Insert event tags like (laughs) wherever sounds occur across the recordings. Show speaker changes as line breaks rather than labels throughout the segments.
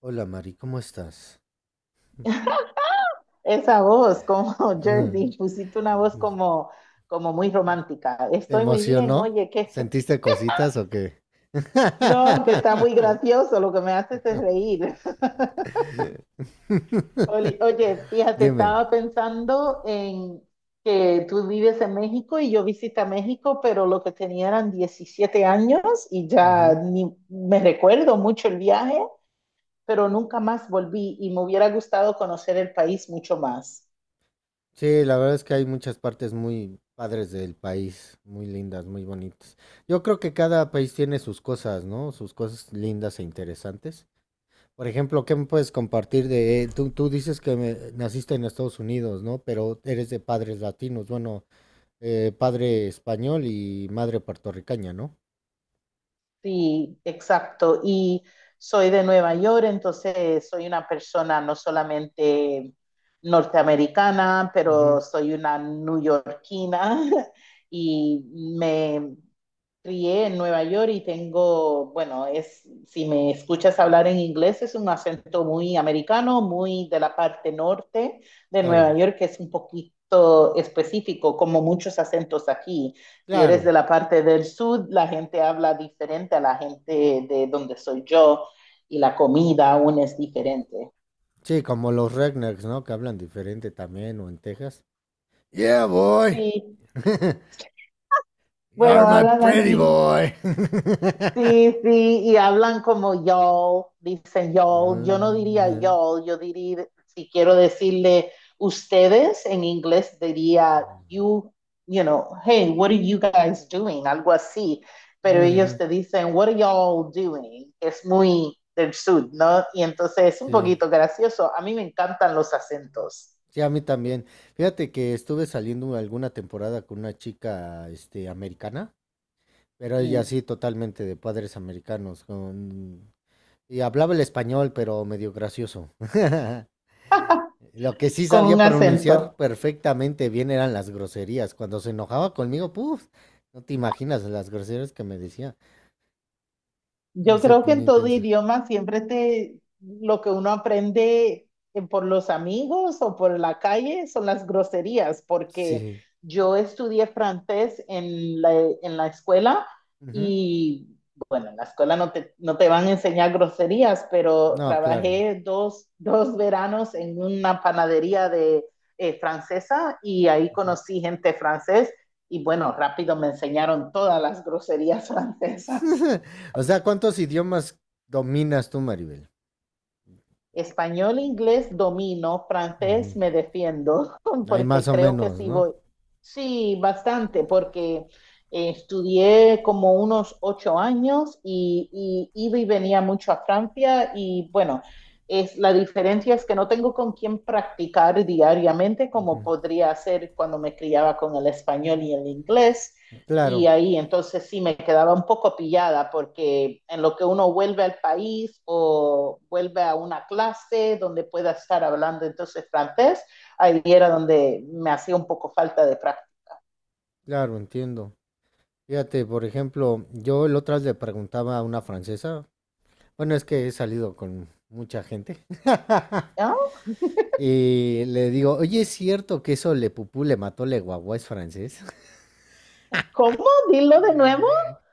Hola Mari, ¿cómo estás?
Esa voz, como (laughs)
(laughs)
Jersey, pusiste una voz
Mm.
como, como muy romántica.
¿Te
Estoy muy bien,
emocionó?
oye, que
¿Sentiste cositas o qué?
no, que está muy
(laughs)
gracioso, lo que me haces es reír. (laughs) Oye, fíjate,
Dime.
estaba pensando en que tú vives en México y yo visité México, pero lo que tenía eran 17 años y ya
Ujú.
ni me recuerdo mucho el viaje, pero nunca más volví y me hubiera gustado conocer el país mucho más.
Sí, la verdad es que hay muchas partes muy padres del país, muy lindas, muy bonitas. Yo creo que cada país tiene sus cosas, ¿no? Sus cosas lindas e interesantes. Por ejemplo, ¿qué me puedes compartir de... Tú dices que naciste en Estados Unidos, ¿no? Pero eres de padres latinos. Bueno, padre español y madre puertorriqueña, ¿no?
Sí, exacto. Y soy de Nueva York, entonces soy una persona no solamente norteamericana,
Ujú,
pero soy una neoyorquina (laughs) y me, crié en Nueva York y tengo, bueno, es, si me escuchas hablar en inglés, es un acento muy americano, muy de la parte norte de Nueva
claro,
York, que es un poquito específico, como muchos acentos aquí. Si eres
claro.
de la parte del sur, la gente habla diferente a la gente de donde soy yo y la comida aún es diferente.
Sí, como los rednecks, ¿no? Que hablan diferente también, o en Texas. Yeah, boy.
Sí,
(laughs) You are
bueno,
my
hablan
pretty
así.
boy. (laughs)
Sí, sí, y hablan como yo, dicen
Ujú,
yo, yo no diría
ujú,
yo, yo diría, si quiero decirle ustedes en inglés, diría you, you know, hey, what are you guys doing? Algo así, pero ellos
ujú.
te dicen, what are y'all doing? Es muy del sur, ¿no? Y entonces es un
Sí,
poquito gracioso, a mí me encantan los acentos.
sí, a mí también. Fíjate que estuve saliendo alguna temporada con una chica, americana, pero ella
Mm.
sí, totalmente de padres americanos, con... y hablaba el español, pero medio gracioso. (laughs) Lo que sí
Con
sabía
un
pronunciar
acento.
perfectamente bien eran las groserías. Cuando se enojaba conmigo, puf, no te imaginas las groserías que me decía.
Yo
Se
creo que
ponía
en todo
intensa.
idioma siempre lo que uno aprende por los amigos o por la calle son las groserías, porque
Sí.
yo estudié francés en en la escuela
Ujú.
y bueno, en la escuela no te van a enseñar groserías, pero
No, claro.
trabajé dos veranos en una panadería de, francesa y ahí
Ujú.
conocí gente francés y bueno, rápido me enseñaron todas las groserías (laughs) francesas.
(laughs) O sea, ¿cuántos idiomas dominas tú, Maribel?
Español, inglés domino,
Ujú.
francés me defiendo, (laughs)
Hay más
porque
o
creo que
menos,
sí
¿no?
voy. Sí, bastante, porque estudié como unos 8 años y iba y venía mucho a Francia y bueno, es, la diferencia es que no tengo con quién practicar diariamente como podría hacer cuando me criaba con el español y el inglés.
Claro,
Y ahí entonces sí me quedaba un poco pillada porque en lo que uno vuelve al país o vuelve a una clase donde pueda estar hablando entonces francés, ahí era donde me hacía un poco falta de práctica.
claro, entiendo. Fíjate, por ejemplo, yo el otro día le preguntaba a una francesa. Bueno, es que he salido con mucha gente. (laughs)
¿No?
Y le digo, oye, ¿es cierto que eso Le Pupú le mató Le Guagua es francés? (laughs)
¿Cómo? Dilo de nuevo.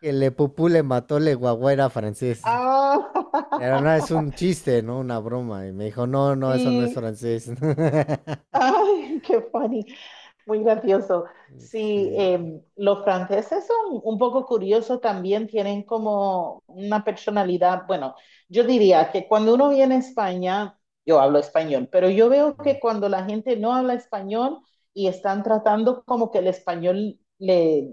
Que Le Pupú le mató Le Guagua era francés. Pero
Ah,
no, es un chiste, ¿no? Una broma. Y me dijo, no,
(laughs)
no, eso no es
sí.
francés. (laughs)
Ay, qué funny. Muy gracioso. Sí,
Sí.
los franceses son un poco curiosos también, tienen como una personalidad, bueno, yo diría que cuando uno viene a España, yo hablo español, pero yo veo que
Ujú,
cuando la gente no habla español y están tratando como que el español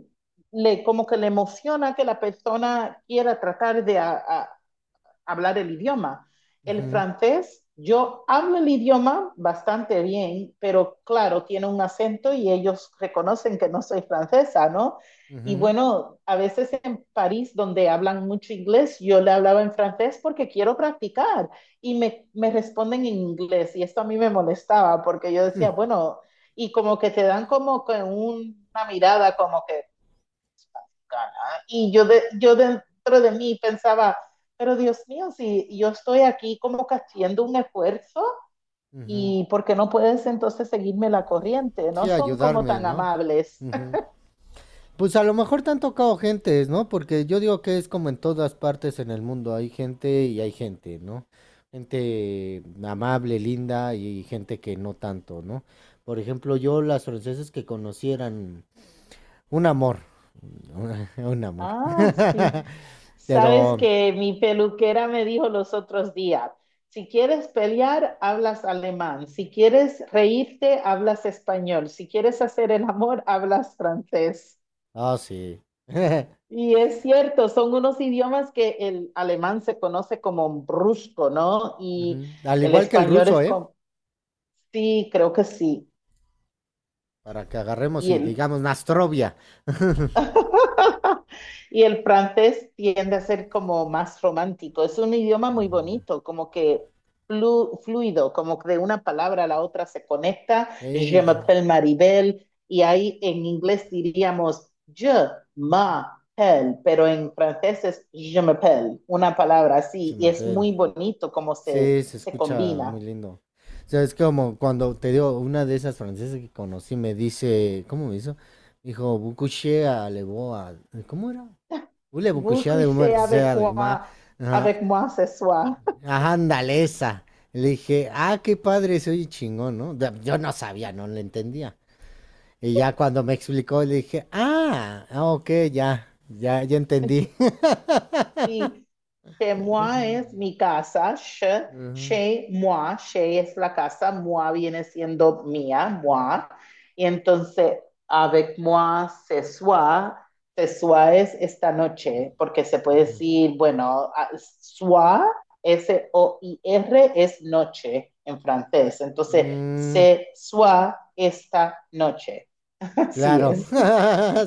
le como que le emociona que la persona quiera tratar de hablar el idioma. El
ujú,
francés, yo hablo el idioma bastante bien, pero claro, tiene un acento y ellos reconocen que no soy francesa, ¿no? Y
ujú.
bueno, a veces en París, donde hablan mucho inglés, yo le hablaba en francés porque quiero practicar me responden en inglés. Y esto a mí me molestaba porque yo
Hmm.
decía, bueno, y como que te dan como con una mirada como que gana. Y yo dentro de mí pensaba, pero Dios mío, si yo estoy aquí como que haciendo un esfuerzo
Ujú.
y ¿por qué no puedes entonces seguirme la corriente? No
Sí,
son como
ayudarme,
tan
¿no?
amables.
Ujú.
(laughs)
Pues a lo mejor te han tocado gentes, ¿no? Porque yo digo que es como en todas partes en el mundo, hay gente y hay gente, ¿no? Gente amable, linda y gente que no tanto, ¿no? Por ejemplo, yo las francesas que conocieran un amor, (laughs) un amor.
Ah, sí.
(laughs)
Sabes
Pero,
que mi peluquera me dijo los otros días, si quieres pelear, hablas alemán. Si quieres reírte, hablas español. Si quieres hacer el amor, hablas francés.
ah, sí. (laughs)
Y es cierto, son unos idiomas que el alemán se conoce como brusco, ¿no? Y
Ujú. Al
el
igual que el
español
ruso,
es
¿eh?
como, sí, creo que sí.
Para que agarremos
Y
y
el
digamos Nastrovia.
Y el francés tiende a ser como más romántico. Es un idioma muy bonito, como que fluido, como que de una palabra a la otra se conecta. Je
Eh,
m'appelle Maribel. Y ahí en inglés diríamos je m'appelle, pero en francés es je m'appelle, una palabra así. Y es
chimapel.
muy bonito como
Sí, se
se
escucha muy
combina.
lindo. O sea, es como cuando te digo, una de esas francesas que conocí me dice, ¿cómo me hizo? Dijo, Bukushé a Leboa. ¿Cómo era? Ule
Vous
Bukushé de una
couchez
que sea de ma-. Ajá,
avec moi ce soir. (laughs)
ajá, ándale esa. Le dije, ah, qué padre, se oye chingón, ¿no? Da- Yo no sabía, no le entendía. Y ya cuando me explicó, le dije, ah, ah, ok, ya, ya, ya entendí.
Sí. Chez moi es mi casa, che,
(laughs) Ujú,
chez moi, chez es la casa, moi viene siendo mía, moi. Y entonces, avec moi, ce soir es esta noche, porque se puede
ujú.
decir, bueno, soir, SOIR es noche en francés. Entonces,
Mm,
ce soir, esta noche. (laughs) Así
claro,
es.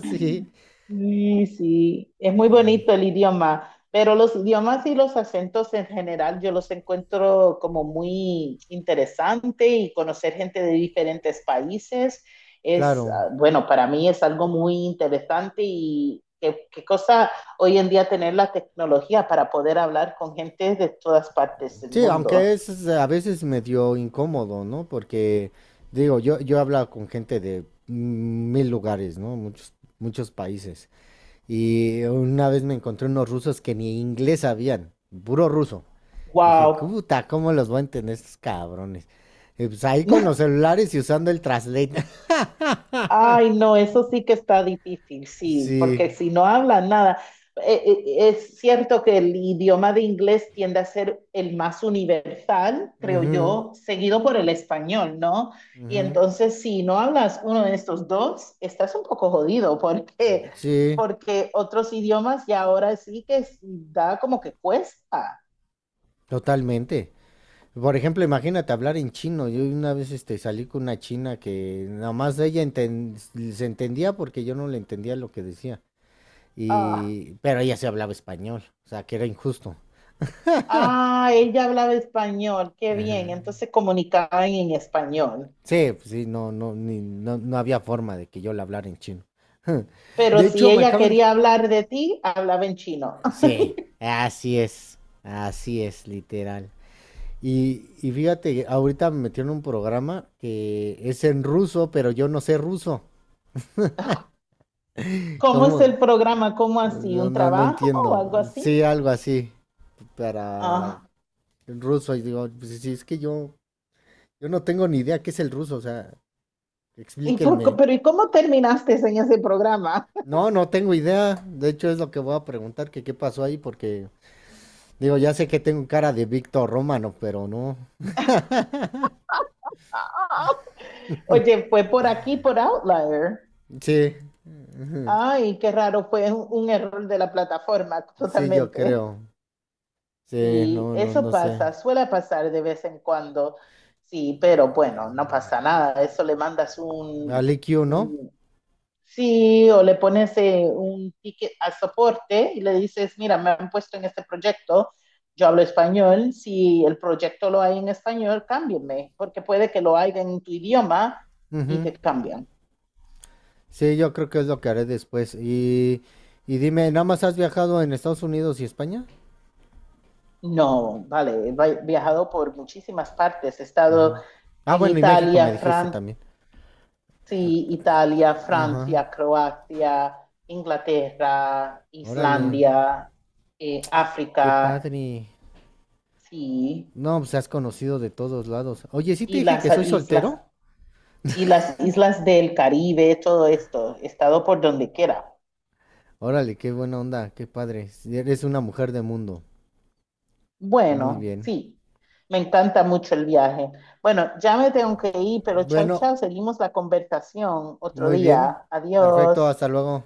(laughs) sí,
Sí, sí, es muy
um,
bonito el idioma, pero los idiomas y los acentos en general yo los encuentro como muy interesante y conocer gente de diferentes países es,
claro.
ah, bueno, para mí es algo muy interesante y qué, qué cosa hoy en día tener la tecnología para poder hablar con gente de todas partes del
Sí, aunque
mundo.
es a veces medio incómodo, ¿no? Porque, digo, yo he hablado con gente de mil lugares, ¿no? Muchos, muchos países. Y una vez me encontré unos rusos que ni inglés sabían, puro ruso. Dije,
Wow.
puta, ¿cómo los voy a entender estos cabrones? Y pues ahí con los
(laughs)
celulares y usando el translate. (laughs)
Ay, no, eso sí que está difícil, sí, porque
Sí.
si no hablan nada, es cierto que el idioma de inglés tiende a ser el más universal, creo
Ujú,
yo, seguido por el español, ¿no? Y
ujú.
entonces, si no hablas uno de estos dos, estás un poco jodido, porque
Sí,
porque otros idiomas y ahora sí que es- da como que cuesta.
totalmente. Por ejemplo, imagínate hablar en chino. Yo una vez salí con una china que nada más ella se entendía porque yo no le entendía lo que decía.
Ah,
Y, pero ella sí hablaba español, o sea, que era injusto.
ah, ella hablaba español, qué bien,
Ajá.
entonces comunicaban en español.
Sí, pues sí, no, no, no, no había forma de que yo le hablara en chino. (laughs)
Pero
De
si
hecho, me
ella
acaban...
quería hablar de ti, hablaba en chino. (laughs)
Sí, así es, literal. Y fíjate, ahorita me metieron un programa que es en ruso, pero yo no sé ruso. (laughs)
¿Cómo es
¿Cómo?
el programa? ¿Cómo así?
No,
¿Un
no, no
trabajo o
entiendo.
algo así?
Sí, algo así para
Ah,
el ruso. Y digo, pues sí, es que yo no tengo ni idea qué es el ruso, o sea,
¿y por qué-
explíquenme.
pero ¿y cómo terminaste en ese programa? (laughs)
No, no tengo idea. De hecho, es lo que voy a preguntar, que qué pasó ahí, porque digo, ya sé que tengo cara de Víctor Romano, pero no.
Ah, oye, fue por aquí, por Outlier.
Sí, (laughs) ujú,
Ay, qué raro, fue un error de la plataforma, (laughs)
sí, yo
totalmente.
creo. Sí,
Sí,
no, no,
eso
no sé.
pasa, suele pasar de vez en cuando. Sí, pero bueno, no pasa nada. Eso le mandas
¿Al
un.
IQ, no?
Sí, o le pones un ticket al soporte y le dices, mira, me han puesto en este proyecto, yo hablo español, si el proyecto lo hay en español, cámbienme, porque puede que lo haya en tu idioma y
Ujú.
te cambian.
Sí, yo creo que es lo que haré después. Y dime, ¿nada más has viajado en Estados Unidos y España?
No, vale, viajado por muchísimas partes, he estado
Ujú. Ah,
en
bueno, y México
Italia,
me dijiste
Francia,
también.
Italia,
Ajá.
Francia, Croacia, Inglaterra,
Órale,
Islandia,
qué
África,
padre.
sí,
No, pues has conocido de todos lados. Oye, ¿sí te
y
dije
las
que soy
islas
soltero?
y las islas del Caribe, todo esto, he estado por donde quiera.
Órale, qué buena onda, qué padre. Sí, eres una mujer de mundo. Muy
Bueno,
bien.
sí, me encanta mucho el viaje. Bueno, ya me tengo que ir, pero chao,
Bueno,
chao, seguimos la conversación otro
muy bien.
día.
Perfecto,
Adiós.
hasta luego.